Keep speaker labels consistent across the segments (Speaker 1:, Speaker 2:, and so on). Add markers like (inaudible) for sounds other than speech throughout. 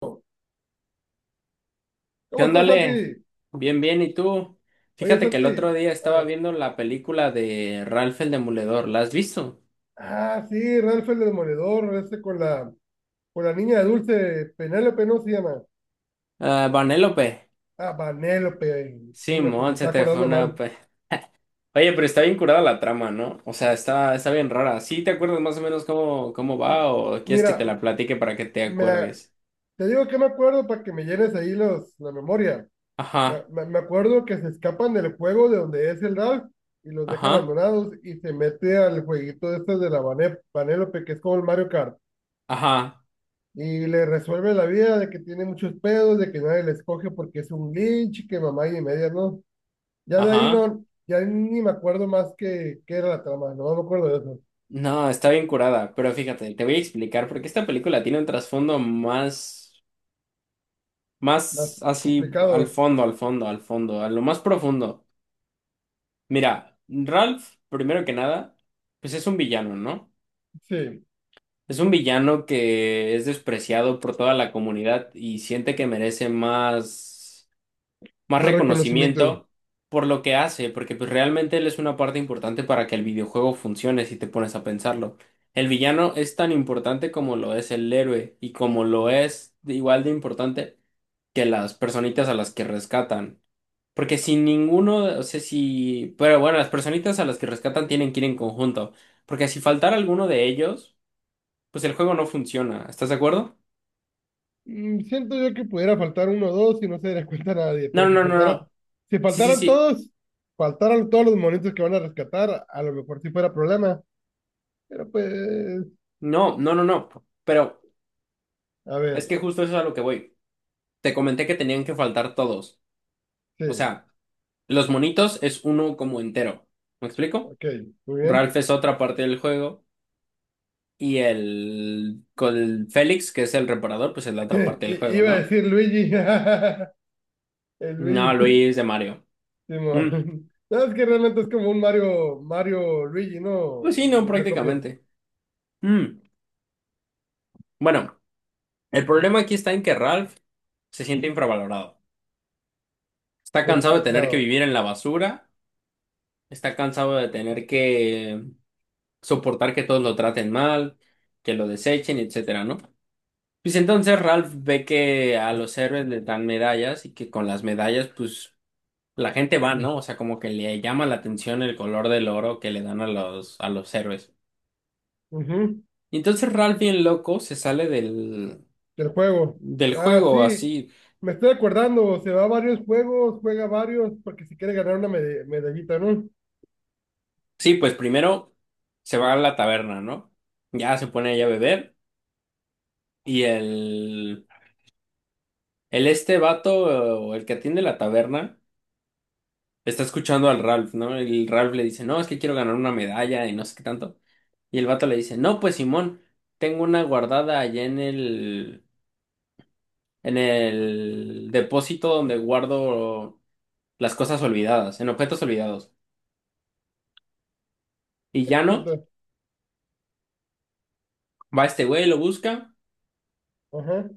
Speaker 1: ¿Cómo
Speaker 2: ¿Qué
Speaker 1: estás,
Speaker 2: ándale?
Speaker 1: Santi?
Speaker 2: Bien, bien, ¿y tú?
Speaker 1: Oye,
Speaker 2: Fíjate que el otro
Speaker 1: Santi,
Speaker 2: día
Speaker 1: a
Speaker 2: estaba
Speaker 1: ver.
Speaker 2: viendo la película de Ralph el Demoledor, ¿la has visto?
Speaker 1: Ah, sí, Ralph el Demoledor, este con con la niña de dulce, Penélope, ¿no se llama?
Speaker 2: Ah, Vanélope.
Speaker 1: Ah, Vanélope, sí, me
Speaker 2: Simón,
Speaker 1: está
Speaker 2: se te fue
Speaker 1: acordando
Speaker 2: una...
Speaker 1: mal.
Speaker 2: Oye, pero está bien curada la trama, ¿no? O sea, está bien rara. ¿Sí te acuerdas más o menos cómo
Speaker 1: M-
Speaker 2: va o quieres que te
Speaker 1: Mira,
Speaker 2: la platique para que te
Speaker 1: me,
Speaker 2: acuerdes?
Speaker 1: te digo que me acuerdo para que me llenes ahí la memoria. Me,
Speaker 2: Ajá,
Speaker 1: me- me acuerdo que se escapan del juego de donde es el Ralph y los deja
Speaker 2: ajá,
Speaker 1: abandonados y se mete al jueguito este de la Vanélope, que es como el Mario Kart.
Speaker 2: ajá,
Speaker 1: Y le resuelve la vida de que tiene muchos pedos, de que nadie le escoge porque es un glitch, que mamá y media, ¿no? Ya de ahí
Speaker 2: ajá.
Speaker 1: no, ya ni me acuerdo más qué era la trama, no me acuerdo de eso.
Speaker 2: No, está bien curada, pero fíjate, te voy a explicar porque esta película tiene un trasfondo más...
Speaker 1: Más
Speaker 2: Más así al
Speaker 1: complicado,
Speaker 2: fondo, al fondo, al fondo, a lo más profundo. Mira, Ralph, primero que nada, pues es un villano, ¿no?
Speaker 1: sí,
Speaker 2: Es un villano que es despreciado por toda la comunidad y siente que merece más, más
Speaker 1: más reconocimiento.
Speaker 2: reconocimiento por lo que hace, porque pues realmente él es una parte importante para que el videojuego funcione si te pones a pensarlo. El villano es tan importante como lo es el héroe y como lo es igual de importante que las personitas a las que rescatan. Porque si ninguno, o sea, si, pero bueno, las personitas a las que rescatan tienen que ir en conjunto, porque si faltara alguno de ellos, pues el juego no funciona, ¿estás de acuerdo?
Speaker 1: Mm, siento yo que pudiera faltar uno o dos y no se daría cuenta a nadie, pero
Speaker 2: No, no,
Speaker 1: si
Speaker 2: no, no,
Speaker 1: faltara,
Speaker 2: no.
Speaker 1: si
Speaker 2: Sí, sí,
Speaker 1: faltaran
Speaker 2: sí,
Speaker 1: todos, faltaran todos los monitos que van a rescatar, a lo mejor sí fuera problema, pero pues,
Speaker 2: no, no, no, no, pero
Speaker 1: a
Speaker 2: es
Speaker 1: ver,
Speaker 2: que justo eso es a lo que voy. Te comenté que tenían que faltar todos, o
Speaker 1: sí,
Speaker 2: sea, los monitos es uno como entero, ¿me explico?
Speaker 1: ok, muy bien.
Speaker 2: Ralph es otra parte del juego y con el Félix, que es el reparador, pues es la
Speaker 1: (laughs)
Speaker 2: otra parte del juego,
Speaker 1: Iba a
Speaker 2: ¿no?
Speaker 1: decir Luigi. (laughs) El
Speaker 2: No,
Speaker 1: Luigi. (laughs)
Speaker 2: Luis de Mario. Mm.
Speaker 1: Simón. No, es que realmente es como un Mario, Mario Luigi, ¿no?
Speaker 2: Pues sí, no,
Speaker 1: Es la copia.
Speaker 2: prácticamente. Mm. Bueno, el problema aquí está en que Ralph se siente infravalorado. Está cansado de tener que
Speaker 1: Despreciado.
Speaker 2: vivir en la basura, está cansado de tener que soportar que todos lo traten mal, que lo desechen, etcétera, ¿no? Pues entonces Ralph ve que a los héroes les dan medallas y que con las medallas, pues la gente va, ¿no? O sea, como que le llama la atención el color del oro que le dan a a los héroes.
Speaker 1: Ujú.
Speaker 2: Y entonces Ralph, bien loco, se sale
Speaker 1: Del juego.
Speaker 2: del
Speaker 1: Ah,
Speaker 2: juego
Speaker 1: sí.
Speaker 2: así.
Speaker 1: Me estoy acordando. Se va a varios juegos, juega varios, porque si quiere ganar una medallita, ¿no?
Speaker 2: Sí, pues primero se va a la taberna, ¿no? Ya se pone ahí a beber y el este vato, o el que atiende la taberna, está escuchando al Ralph, ¿no? El Ralph le dice, no, es que quiero ganar una medalla y no sé qué tanto. Y el vato le dice, no, pues Simón, tengo una guardada allá en en el depósito donde guardo las cosas olvidadas, en objetos olvidados. Y ya no,
Speaker 1: Suelta.
Speaker 2: va este güey, lo busca
Speaker 1: Ajá.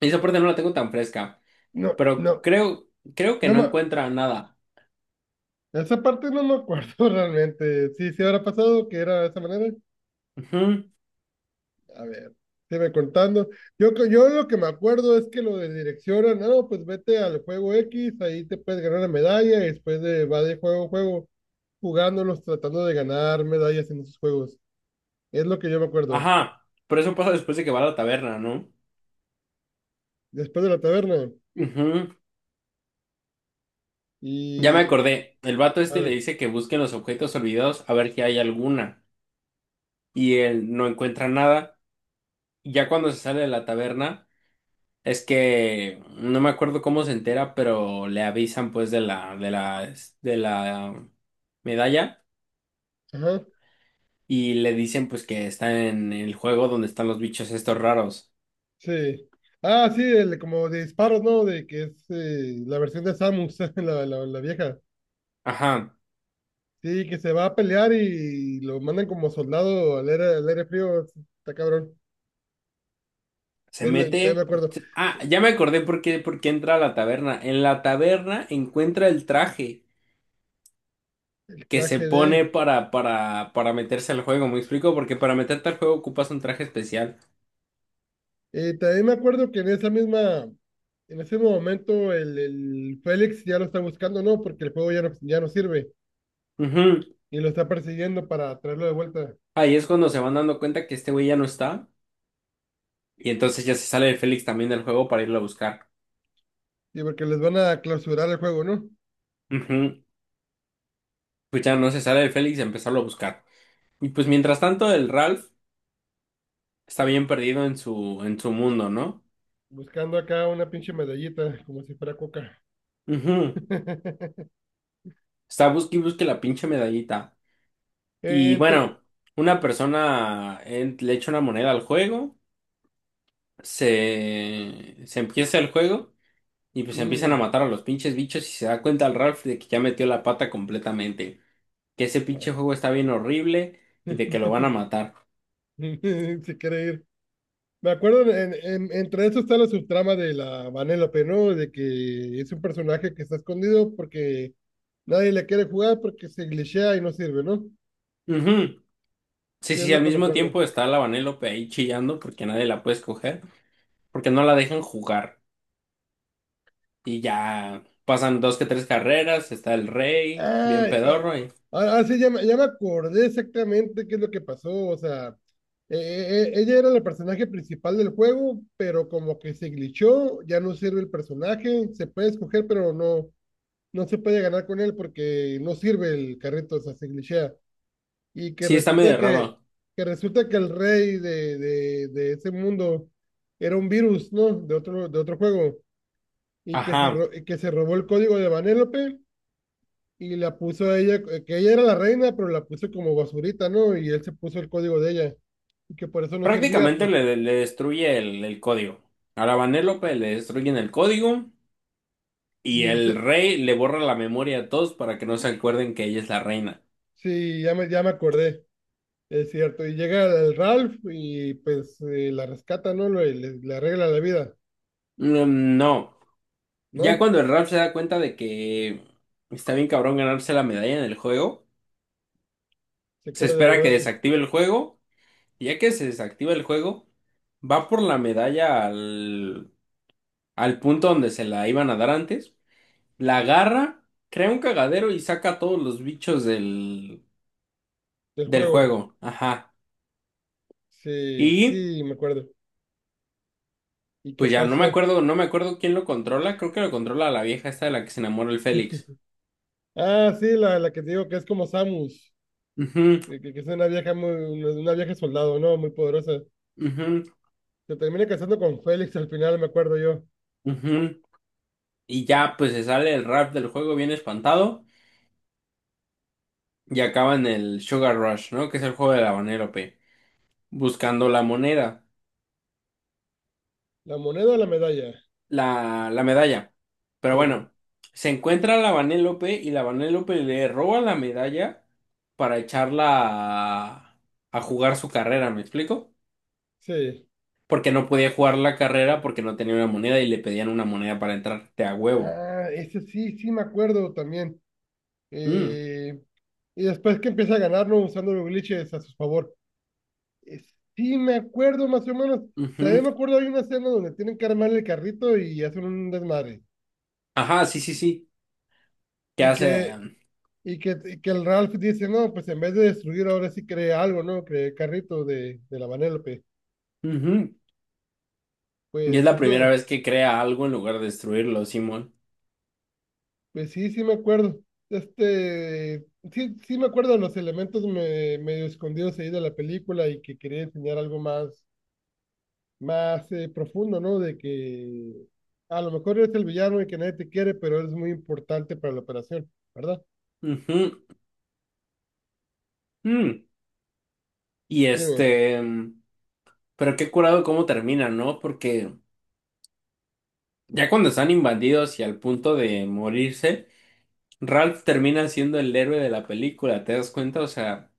Speaker 2: y esa parte no la tengo tan fresca.
Speaker 1: No,
Speaker 2: Pero creo, creo que
Speaker 1: no
Speaker 2: no
Speaker 1: me...
Speaker 2: encuentra nada.
Speaker 1: Esa parte no me acuerdo (laughs) realmente. Sí, sí habrá pasado que era de esa manera.
Speaker 2: Ujú.
Speaker 1: A ver, me contando. Yo, yo lo que me acuerdo es que lo de dirección, no, pues vete al juego X, ahí te puedes ganar una medalla y después de, va de juego en juego, jugándolos, tratando de ganar medallas en esos juegos. Es lo que yo me acuerdo.
Speaker 2: Ajá, pero eso pasa después de que va a la taberna, ¿no?
Speaker 1: Después de la taberna.
Speaker 2: Ujú. Ya me
Speaker 1: Y,
Speaker 2: acordé, el vato
Speaker 1: a
Speaker 2: este le
Speaker 1: ver,
Speaker 2: dice que busquen los objetos olvidados a ver si hay alguna, y él no encuentra nada. Y ya cuando se sale de la taberna, es que no me acuerdo cómo se entera, pero le avisan pues de de la medalla
Speaker 1: ajá,
Speaker 2: y le dicen pues que está en el juego donde están los bichos estos raros.
Speaker 1: sí. Ah, sí, el como de disparos, ¿no? De que es la versión de Samus, (laughs) la vieja.
Speaker 2: Ajá.
Speaker 1: Sí, que se va a pelear y lo mandan como soldado al aire frío. Está cabrón.
Speaker 2: Se
Speaker 1: El, también me
Speaker 2: mete.
Speaker 1: acuerdo,
Speaker 2: Ah, ya me acordé por qué entra a la taberna. En la taberna encuentra el traje
Speaker 1: el
Speaker 2: que se
Speaker 1: traje
Speaker 2: pone
Speaker 1: de...
Speaker 2: para meterse al juego. ¿Me explico? Porque para meterte al juego ocupas un traje especial.
Speaker 1: también me acuerdo que en esa misma, en ese momento el Félix ya lo está buscando, ¿no? Porque el juego ya no, ya no sirve
Speaker 2: Ujú.
Speaker 1: y lo está persiguiendo para traerlo de vuelta.
Speaker 2: Ahí es cuando se van dando cuenta que este güey ya no está. Y entonces ya se sale el Félix también del juego para irlo a buscar.
Speaker 1: Sí, porque les van a clausurar el juego, ¿no?
Speaker 2: Ujú. Pues ya
Speaker 1: Sí,
Speaker 2: no se sale el Félix y empezarlo a buscar. Y pues mientras tanto, el Ralph está bien perdido en en su mundo, ¿no?
Speaker 1: buscando acá una pinche medallita, como si fuera coca.
Speaker 2: Ujú.
Speaker 1: (laughs)
Speaker 2: Está busque y busque la pinche medallita. Y
Speaker 1: Entre...
Speaker 2: bueno, una persona le echa una moneda al juego, se empieza el juego y pues
Speaker 1: y-
Speaker 2: empiezan a matar a los pinches bichos y se da cuenta al Ralph de que ya metió la pata completamente, que ese pinche juego está bien horrible y de que lo van a matar.
Speaker 1: (laughs) Si quiere ir. Me acuerdo, entre eso está la subtrama de la Vanellope, ¿no? De que es un personaje que está escondido porque nadie le quiere jugar porque se glitchea y no sirve, ¿no?
Speaker 2: Ujú. Sí,
Speaker 1: Sí, es
Speaker 2: sí,
Speaker 1: lo
Speaker 2: al
Speaker 1: que me
Speaker 2: mismo tiempo
Speaker 1: acuerdo.
Speaker 2: está la Vanellope ahí chillando porque nadie la puede escoger, porque no la dejan jugar. Y ya pasan dos que tres carreras, está el rey, bien
Speaker 1: Ay,
Speaker 2: pedorro y
Speaker 1: ah, sí, ya me acordé exactamente qué es lo que pasó. O sea, ella era la personaje principal del juego, pero como que se glitchó, ya no sirve el personaje, se puede escoger, pero no, no se puede ganar con él porque no sirve el carrito, o sea, se glitchea. y que
Speaker 2: sí, está
Speaker 1: resulta
Speaker 2: medio
Speaker 1: que,
Speaker 2: raro.
Speaker 1: que resulta que el rey de ese mundo era un virus, ¿no? De otro juego y que
Speaker 2: Ajá.
Speaker 1: que se robó el código de Vanélope y la puso a ella, que ella era la reina, pero la puso como basurita, ¿no? Y él se puso el código de ella y que por eso no servía,
Speaker 2: Prácticamente
Speaker 1: pues.
Speaker 2: le destruye el código. A la Vanellope le destruyen el código y
Speaker 1: Y él
Speaker 2: el
Speaker 1: se,
Speaker 2: rey le borra la memoria a todos para que no se acuerden que ella es la reina.
Speaker 1: sí, ya me acordé, es cierto. Y llega el Ralph y pues la rescata, ¿no? Le arregla la vida,
Speaker 2: Mm, no, ya
Speaker 1: ¿no?
Speaker 2: cuando el Ralph se da cuenta de que está bien cabrón ganarse la medalla en el juego,
Speaker 1: Se
Speaker 2: se
Speaker 1: quiere
Speaker 2: espera que
Speaker 1: devolver
Speaker 2: desactive el juego y ya que se desactiva el juego, va por la medalla al punto donde se la iban a dar antes, la agarra, crea un cagadero y saca a todos los bichos del.
Speaker 1: del
Speaker 2: Del
Speaker 1: juego.
Speaker 2: juego, ajá.
Speaker 1: Sí,
Speaker 2: Y
Speaker 1: sí, me acuerdo. ¿Y qué
Speaker 2: pues ya no me
Speaker 1: pasó?
Speaker 2: acuerdo, no me acuerdo quién lo controla, creo que lo controla la vieja esta de la que se enamora el Félix.
Speaker 1: Ah, sí, la que te digo que es como Samus,
Speaker 2: Ujú,
Speaker 1: que es una vieja muy, una vieja soldado, ¿no? Muy poderosa.
Speaker 2: ujú,
Speaker 1: Se termina casando con Félix al final, me acuerdo yo.
Speaker 2: ujú. Y ya pues se sale el rap del juego bien espantado y acaba en el Sugar Rush, ¿no? Que es el juego del habanero, pe. Buscando la moneda,
Speaker 1: ¿La moneda o la medalla?
Speaker 2: la medalla. Pero
Speaker 1: Sí,
Speaker 2: bueno, se encuentra la Vanellope y la Vanellope le roba la medalla para echarla a, a jugar su carrera, ¿me explico?
Speaker 1: sí.
Speaker 2: Porque no podía jugar la carrera porque no tenía una moneda y le pedían una moneda para entrar. Te a huevo.
Speaker 1: Ah, ese sí, sí me acuerdo también.
Speaker 2: Mm,
Speaker 1: Eh, y después que empieza a ganar, ¿no? Usando los glitches a su favor. Eh, sí me acuerdo más o menos. También
Speaker 2: ujú.
Speaker 1: me acuerdo hay una escena donde tienen que armar el carrito y hacen un desmadre.
Speaker 2: Ajá, sí, sí, sí. ¿Qué
Speaker 1: Y que
Speaker 2: hace?
Speaker 1: Y que, que el Ralph dice, no, pues en vez de destruir ahora sí cree algo, ¿no? Creé carrito de la Vanellope.
Speaker 2: Ujú. Y es
Speaker 1: Pues,
Speaker 2: la
Speaker 1: es
Speaker 2: primera
Speaker 1: lo,
Speaker 2: vez que crea algo en lugar de destruirlo, Simón.
Speaker 1: pues sí, sí me acuerdo. Este, sí, sí me acuerdo de los elementos medio escondidos ahí de la película y que quería enseñar algo más, más profundo, ¿no? De que a lo mejor eres el villano y que nadie te quiere, pero eres muy importante para la operación, ¿verdad?
Speaker 2: Ujú. Mm. Y
Speaker 1: Dime,
Speaker 2: este, mm, pero qué curado cómo termina, ¿no? Porque ya cuando están invadidos y al punto de morirse, Ralph termina siendo el héroe de la película, ¿te das cuenta? O sea,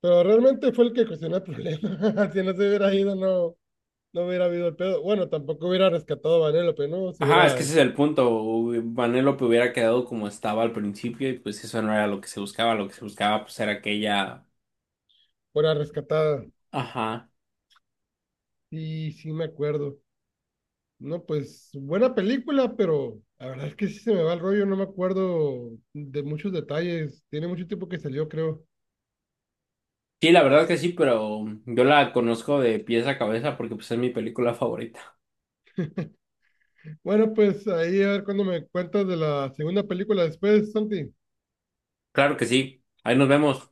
Speaker 1: pero realmente fue el que ocasionó el problema. (laughs) Si no se hubiera ido, no, no hubiera habido el pedo. Bueno, tampoco hubiera rescatado a Vanellope, ¿no? Si
Speaker 2: ajá, es que
Speaker 1: hubiera,
Speaker 2: ese es el punto. Vanellope hubiera quedado como estaba al principio y pues eso no era lo que se buscaba. Lo que se buscaba pues era aquella...
Speaker 1: fuera rescatada.
Speaker 2: Ajá.
Speaker 1: Sí, sí me acuerdo. No, pues buena película, pero la verdad es que sí se me va el rollo, no me acuerdo de muchos detalles. Tiene mucho tiempo que salió, creo.
Speaker 2: Sí, la verdad que sí, pero yo la conozco de pies a cabeza porque pues es mi película favorita.
Speaker 1: Bueno, pues ahí a ver cuando me cuentas de la segunda película después, Santi.
Speaker 2: Claro que sí. Ahí nos vemos.